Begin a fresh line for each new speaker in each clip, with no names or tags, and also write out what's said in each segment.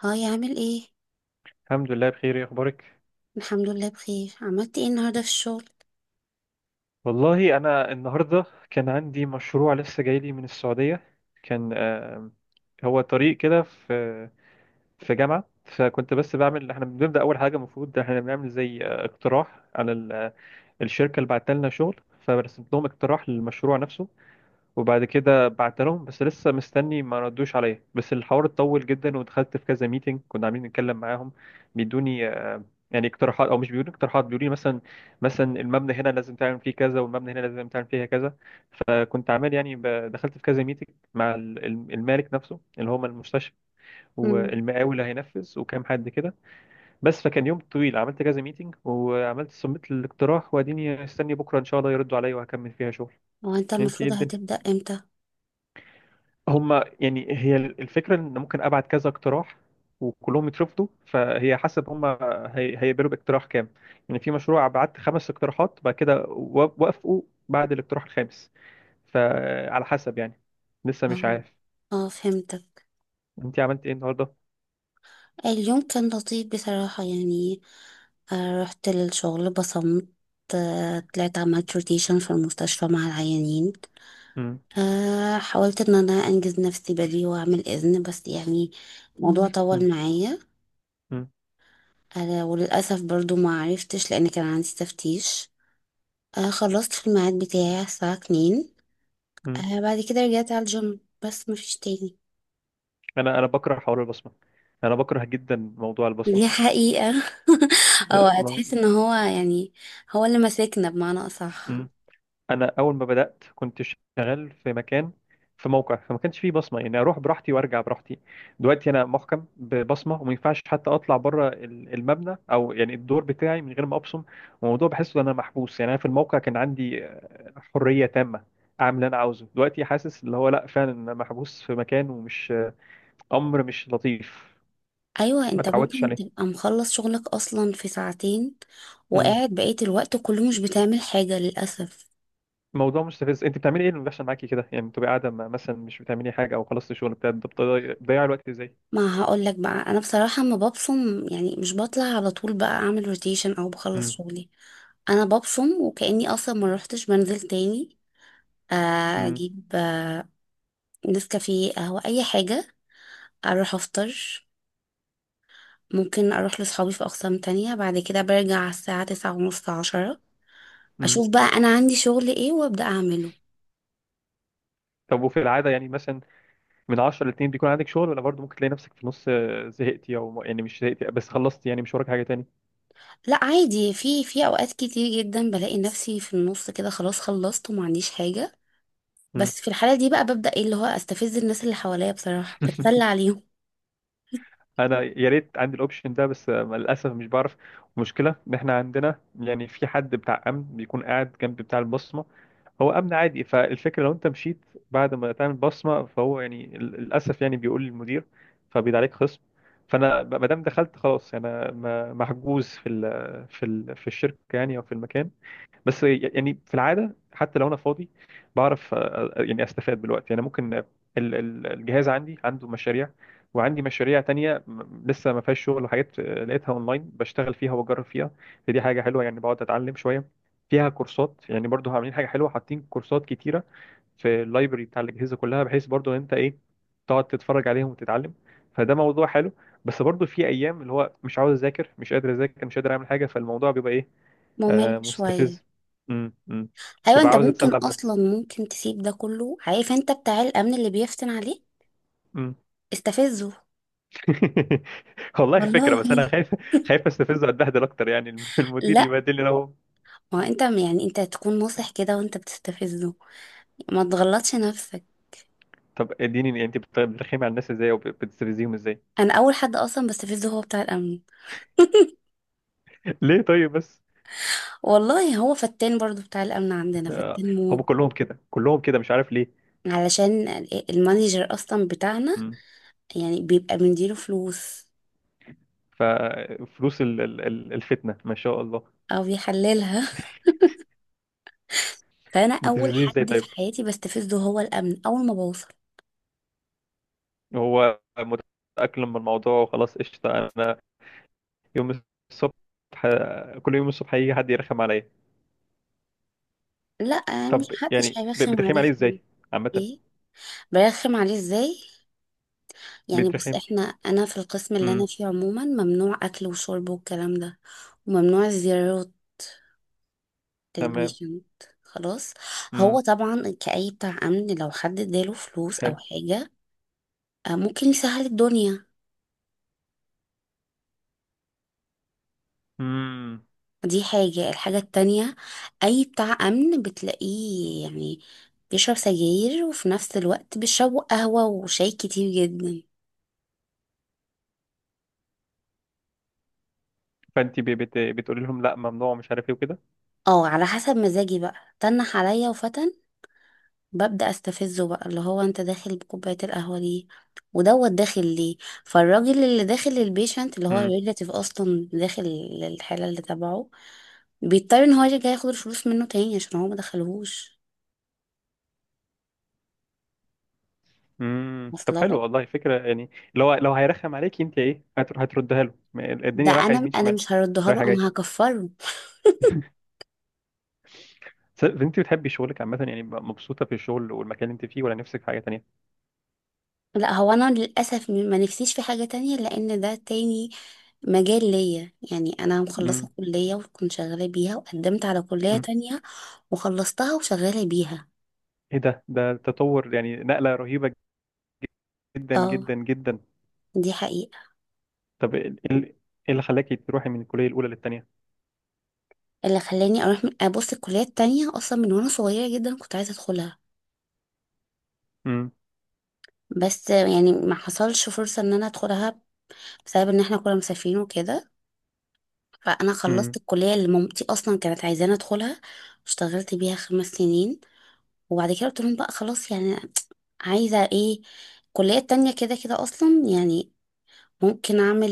هاي، عامل ايه؟
الحمد لله بخير، ايه اخبارك؟
الحمد لله، بخير. عملت ايه النهارده في الشغل؟
والله انا النهارده كان عندي مشروع لسه جاي لي من السعوديه. كان هو طريق كده في جامعه. فكنت بس بعمل، احنا بنبدا اول حاجه المفروض احنا بنعمل زي اقتراح على الشركه اللي بعت لنا شغل. فرسمت لهم اقتراح للمشروع نفسه. وبعد كده بعت لهم، بس لسه مستني، ما ردوش عليا. بس الحوار اتطول جدا، ودخلت في كذا ميتنج كنا عاملين نتكلم معاهم. بيدوني يعني اقتراحات، او مش بيدوني اقتراحات، بيقولوا لي مثلا، مثلا المبنى هنا لازم تعمل فيه كذا، والمبنى هنا لازم تعمل فيها كذا. فكنت عامل يعني دخلت في كذا ميتنج مع المالك نفسه اللي هو المستشفى،
امم.
والمقاول اللي هينفذ، وكام حد كده. بس فكان يوم طويل، عملت كذا ميتنج وعملت سميت الاقتراح، واديني استني بكره ان شاء الله يردوا عليا وهكمل فيها شغل.
هو انت
انت ايه
المفروض
الدنيا؟
هتبدأ امتى؟
هما يعني، هي الفكرة إن ممكن أبعت كذا اقتراح وكلهم يترفضوا، فهي حسب هما هيقبلوا باقتراح كام. يعني في مشروع بعت خمس اقتراحات بعد كده وافقوا بعد الاقتراح الخامس. فعلى حسب يعني، لسه مش
اه،
عارف.
اه، فهمتك.
أنت عملت إيه النهاردة؟
اليوم كان لطيف بصراحة، يعني رحت للشغل، بصمت. طلعت، عملت روتيشن في المستشفى مع العيانين.
مم.
حاولت ان انا انجز نفسي بدري واعمل اذن، بس يعني الموضوع طول
مم.
معايا.
مم.
وللأسف برضو ما عرفتش، لان كان عندي تفتيش. خلصت في الميعاد بتاعي الساعة 2.
مم.
بعد كده رجعت على الجيم، بس مفيش تاني.
أنا بكره حوار البصمة. أنا بكره جدا موضوع البصمة.
دي حقيقة. او
لا.
هتحس ان هو، يعني هو اللي ماسكنا، بمعنى اصح.
مم. انا اول ما بدات كنت شغال في مكان، في موقع فما كانش فيه بصمه، يعني اروح براحتي وارجع براحتي. دلوقتي انا محكم ببصمه، وما ينفعش حتى اطلع بره المبنى او يعني الدور بتاعي من غير ما ابصم. والموضوع بحسه ان انا محبوس. يعني انا في الموقع كان عندي حريه تامه اعمل اللي انا عاوزه. دلوقتي حاسس اللي هو لا، فعلا انا محبوس في مكان، ومش امر مش لطيف.
ايوه،
ما
انت
اتعودتش
ممكن
عليه.
تبقى مخلص شغلك اصلا في ساعتين،
مم.
وقاعد بقية الوقت كله مش بتعمل حاجة للأسف.
موضوع مستفز. انت بتعملي ايه اللي بيحصل معاكي كده؟ يعني بتبقي قاعده مثلا مش بتعملي حاجه، او خلصت الشغل بتاعك، بتضيع الوقت ازاي؟
ما هقولك بقى، انا بصراحة ما ببصم، يعني مش بطلع على طول بقى اعمل روتيشن او بخلص
مم.
شغلي. انا ببصم وكأني اصلا ما روحتش، بنزل تاني.
امم
اجيب نسكافيه، قهوة، اي حاجة. اروح افطر. ممكن اروح لصحابي في اقسام تانية، بعد كده برجع على الساعة تسعة ونص، عشرة.
امم.
اشوف بقى انا عندي شغل ايه، وابدأ اعمله.
طب وفي العادة يعني مثلا، من 10 ل 2 بيكون عندك شغل؟ ولا برضه ممكن تلاقي نفسك في النص زهقتي، او يعني مش زهقتي بس خلصتي يعني مش وراك حاجة تاني؟
لا عادي، في اوقات كتير جدا بلاقي نفسي في النص كده، خلاص خلصت وما عنديش حاجة.
امم.
بس في الحالة دي بقى ببدأ ايه اللي هو، استفز الناس اللي حواليا، بصراحة بتسلى عليهم.
انا يا ريت عندي الاوبشن ده، بس للاسف مش بعرف. المشكلة ان احنا عندنا يعني في حد بتاع امن بيكون قاعد جنب بتاع البصمة. هو امن عادي، فالفكرة لو انت مشيت بعد ما تعمل بصمة فهو يعني للاسف يعني بيقول للمدير، فبيد عليك خصم. فانا ما دام دخلت خلاص، يعني انا محجوز في الشركة يعني، او في المكان. بس يعني في العاده حتى لو انا فاضي، بعرف يعني استفاد من الوقت. يعني ممكن الجهاز عندي عنده مشاريع. وعندي مشاريع تانية لسه ما فيهاش شغل، وحاجات لقيتها اونلاين بشتغل فيها وبجرب فيها. فدي حاجه حلوه، يعني بقعد اتعلم شويه. فيها كورسات، يعني برضو عاملين حاجه حلوه حاطين كورسات كتيره في اللايبرري بتاع الاجهزه كلها، بحيث برضو ان انت ايه، تقعد تتفرج عليهم وتتعلم. فده موضوع حلو. بس برضو في ايام اللي هو مش عاوز اذاكر، مش قادر اذاكر، مش قادر اعمل حاجه، فالموضوع بيبقى ايه.
ممل
آه
شوية.
مستفز. امم.
ايوه،
تبقى
انت
عاوز
ممكن
اتسلى لحد.
اصلا، ممكن تسيب ده كله. عارف انت بتاع الامن اللي بيفتن عليه؟
امم.
استفزه.
والله فكره،
والله.
بس انا خايف. خايف استفز واتبهدل اكتر، يعني المدير
لا،
يبهدلني لو.
ما هو انت، يعني انت تكون ناصح كده وانت بتستفزه. ما تغلطش نفسك.
طب اديني انت بترخمي على الناس ازاي، او بتستفزيهم ازاي؟
انا اول حد اصلا بستفزه هو بتاع الامن.
ليه طيب بس؟
والله هو فتان، برضو بتاع الامن عندنا
آه
فتان موت.
هم كلهم كده كلهم كده، مش عارف ليه.
علشان المانجر اصلا بتاعنا،
امم.
يعني بيبقى بنديله فلوس،
ففلوس الفتنه ما شاء الله.
او بيحللها. فانا اول
بتستفزني ازاي
حد في
طيب؟
حياتي بستفزه هو الامن، اول ما بوصل.
هو متاقلم بالموضوع وخلاص قشطه. انا يوم الصبح كل يوم الصبح هيجي حد يرخم عليا.
لا، مش
طب
حدش
يعني
هيرخم
بترخم عليه
عليك يعني.
ازاي؟ عامة.
ايه؟ برخم عليه ازاي؟ يعني بص،
بترخم.
انا في القسم اللي انا
امم.
فيه عموما ممنوع اكل وشرب والكلام ده. وممنوع الزيارات،
تمام.
البيشنت، خلاص.
امم.
هو طبعا، كأي بتاع أمن، لو حد اداله فلوس أو
حلو.
حاجة ممكن يسهل الدنيا.
امم.
دي حاجة الحاجة التانية: أي بتاع أمن بتلاقيه يعني بيشرب سجاير، وفي نفس الوقت بيشربوا قهوة وشاي كتير جدا.
فانت بتقولي لهم لا ممنوع، مش عارف ايه وكده.
اه، على حسب مزاجي بقى. تنح عليا وفتن، ببدأ استفزه بقى، اللي هو: انت داخل بكوباية القهوة ليه؟ ودوت داخل ليه؟ فالراجل اللي داخل البيشنت، اللي هو
امم.
الريلاتيف، اصلا داخل الحالة اللي تبعه، بيضطر ان هو يرجع ياخد الفلوس منه تاني عشان هو ما دخلهوش.
امم. طب
واصله
حلو
لك؟
والله فكرة يعني، لو هيرخم عليك انت ايه هتردها له؟ ما
ده
الدنيا رايحة
انا
يمين
انا
شمال،
مش هردها له،
رايحة
انا
جاية.
هكفره.
انت بتحبي شغلك عامة يعني، مبسوطة في الشغل والمكان اللي انت فيه؟ ولا نفسك في حاجة تانية؟
لا، هو انا للاسف ما نفسيش في حاجه تانية، لان ده تاني مجال ليا. يعني انا مخلصه
امم.
كليه وكنت شغاله بيها، وقدمت على كليه
امم.
تانية وخلصتها وشغاله بيها.
ايه ده تطور يعني، نقلة رهيبة جدا
اه،
جدا جدا.
دي حقيقه.
طب ايه اللي خلاكي تروحي من الكلية الأولى للتانية؟
اللي خلاني اروح ابص، الكليه التانية اصلا من وانا صغيره جدا كنت عايزه ادخلها، بس يعني ما حصلش فرصه ان انا ادخلها، بسبب ان احنا كنا مسافرين وكده. فانا خلصت
امم.
الكليه اللي مامتي اصلا كانت عايزاني ادخلها، واشتغلت بيها 5 سنين. وبعد كده قلت لهم بقى، خلاص يعني عايزه ايه، الكليه التانية كده كده اصلا، يعني ممكن اعمل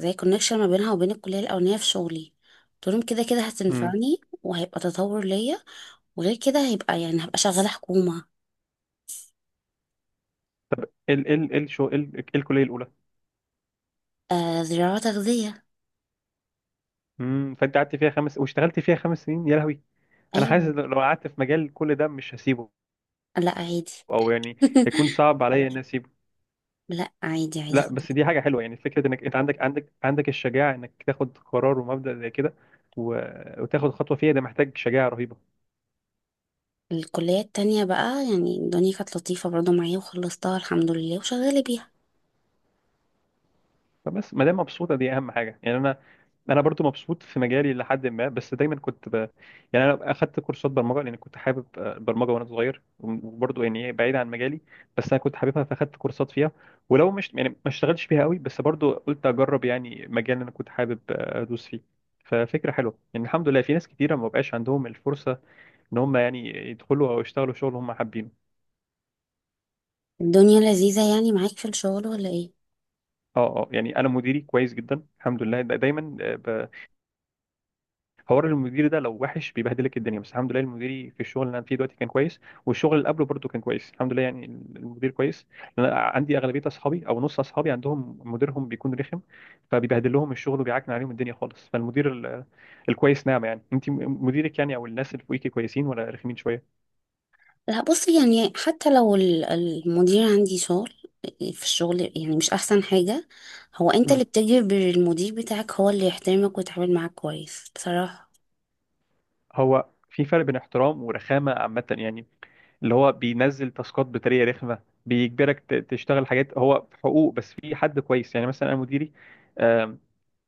زي كونكشن ما بينها وبين الكليه الاولانيه في شغلي. قلت لهم، كده كده
امم.
هتنفعني وهيبقى تطور ليا، وغير كده هيبقى، يعني هبقى شغاله حكومه.
ال ال ال شو ال ال- الكليه الاولى.
زراعه تغذيه.
امم. فانت قعدت فيها خمس، واشتغلت فيها خمس سنين، يا لهوي. انا حاسس
ايوه.
لو قعدت في مجال كل ده مش هسيبه.
لا عادي.
او يعني هيكون صعب عليا اني اسيبه.
لا، عادي عادي.
لا بس دي حاجه حلوه يعني، فكره انك انت عندك الشجاعه انك تاخد قرار ومبدا زي كده و... وتاخد خطوه فيها، ده محتاج شجاعه رهيبه.
الكلية التانية بقى، يعني الدنيا كانت لطيفة برضو معايا، وخلصتها الحمد لله وشغالة بيها.
فبس ما دام مبسوطه دي اهم حاجه يعني، انا برضو مبسوط في مجالي لحد ما. بس دايما كنت يعني انا اخدت كورسات برمجه لان كنت حابب البرمجه وانا صغير. وبرضو يعني إيه بعيد عن مجالي، بس انا كنت حاببها فاخدت كورسات فيها. ولو مش يعني ما اشتغلتش فيها قوي بس برضو قلت اجرب يعني مجال اللي انا كنت حابب ادوس فيه. ففكره حلوه يعني، الحمد لله. في ناس كتيره ما بقاش عندهم الفرصه ان هم يعني يدخلوا او يشتغلوا شغل هم حابينه.
الدنيا لذيذة يعني معاك في الشغل، ولا ايه؟
اه اه يعني انا مديري كويس جدا الحمد لله. دايما حوار المدير ده لو وحش بيبهدلك الدنيا، بس الحمد لله المديري في الشغل اللي انا فيه دلوقتي كان كويس، والشغل اللي قبله برضه كان كويس الحمد لله يعني. المدير كويس، لأن انا عندي اغلبيه اصحابي او نص اصحابي عندهم مديرهم بيكون رخم، فبيبهدل لهم الشغل وبيعكن عليهم الدنيا خالص. فالمدير الكويس نعمه يعني. انت مديرك يعني او الناس اللي فوقيكي كويسين ولا رخمين شويه؟
لا بصي، يعني حتى لو المدير عندي شغل في الشغل، يعني مش أحسن حاجة. هو انت
مم.
اللي بتجبر المدير بتاعك هو اللي يحترمك ويتعامل معاك كويس، بصراحة.
هو في فرق بين احترام ورخامه عامه يعني، اللي هو بينزل تاسكات بطريقه رخمه، بيجبرك تشتغل حاجات. هو حقوق، بس في حد كويس يعني مثلا انا مديري،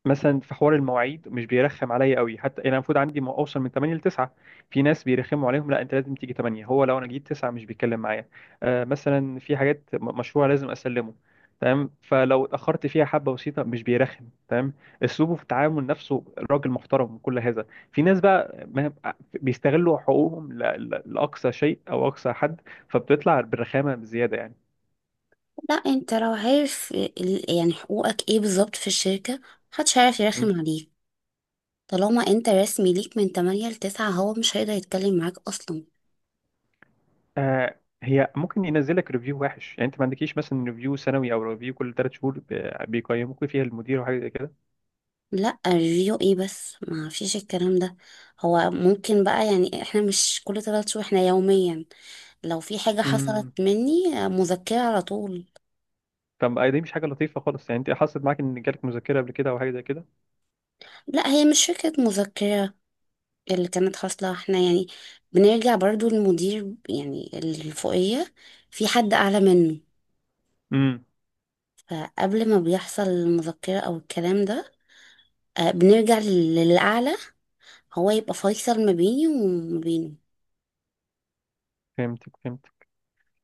مثلا في حوار المواعيد مش بيرخم عليا قوي حتى، يعني انا المفروض عندي اوصل من 8 ل 9. في ناس بيرخموا عليهم لا انت لازم تيجي 8، هو لو انا جيت 9 مش بيتكلم معايا. آه مثلا في حاجات مشروع لازم اسلمه تمام، فلو اتاخرت فيها حبه بسيطه مش بيرخم تمام. اسلوبه في التعامل نفسه، راجل محترم وكل هذا. في ناس بقى بيستغلوا حقوقهم لاقصى شيء او اقصى حد، فبتطلع بالرخامه بزياده يعني.
لا، انت لو عارف يعني حقوقك ايه بالظبط في الشركة، محدش هيعرف يرخم عليك. طالما انت رسمي ليك من 8 ل 9، هو مش هيقدر يتكلم معاك اصلا.
آه هي ممكن ينزلك ريفيو وحش يعني، انت ما عندكيش مثلا ريفيو سنوي او ريفيو كل ثلاث شهور بيقيموك فيها المدير وحاجه زي كده؟
لا ريفيو ايه، بس ما فيش الكلام ده. هو ممكن بقى، يعني احنا مش كل 3 شهور، احنا يوميا. لو في حاجة حصلت
امم.
مني مذكرة على طول.
طب دي مش حاجه لطيفه خالص يعني. انت حصلت معاك ان جالك مذكره قبل كده او حاجه زي كده؟
لا، هي مش فكرة مذكرة. اللي كانت حاصلة، احنا يعني بنرجع برضو للمدير، يعني الفوقية، في حد أعلى منه.
امم.
فقبل ما بيحصل المذكرة أو الكلام ده، بنرجع للأعلى، هو يبقى فيصل ما بيني وما بينه.
فهمتك فهمتك.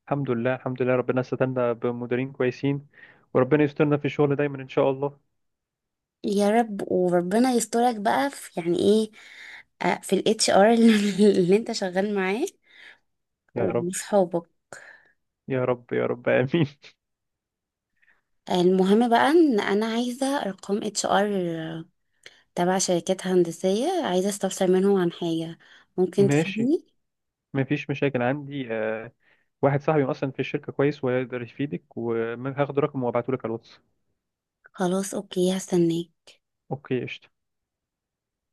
الحمد لله الحمد لله، ربنا استنى بمديرين كويسين، وربنا يسترنا في الشغل دايما ان شاء الله.
يا رب، وربنا يسترك بقى في يعني ايه، في الـHR اللي اللي انت شغال معاه،
يا رب
وصحابك.
يا رب يا رب امين.
المهم بقى، ان انا عايزه ارقام HR تبع شركات هندسيه، عايزه استفسر منهم عن حاجه. ممكن
ماشي،
تفيدني؟
ما فيش مشاكل عندي. واحد صاحبي اصلا في الشركه كويس ويقدر يفيدك، وهاخد رقمه وابعته لك على الواتس.
خلاص، اوكي، هستناك.
اوكي قشطة.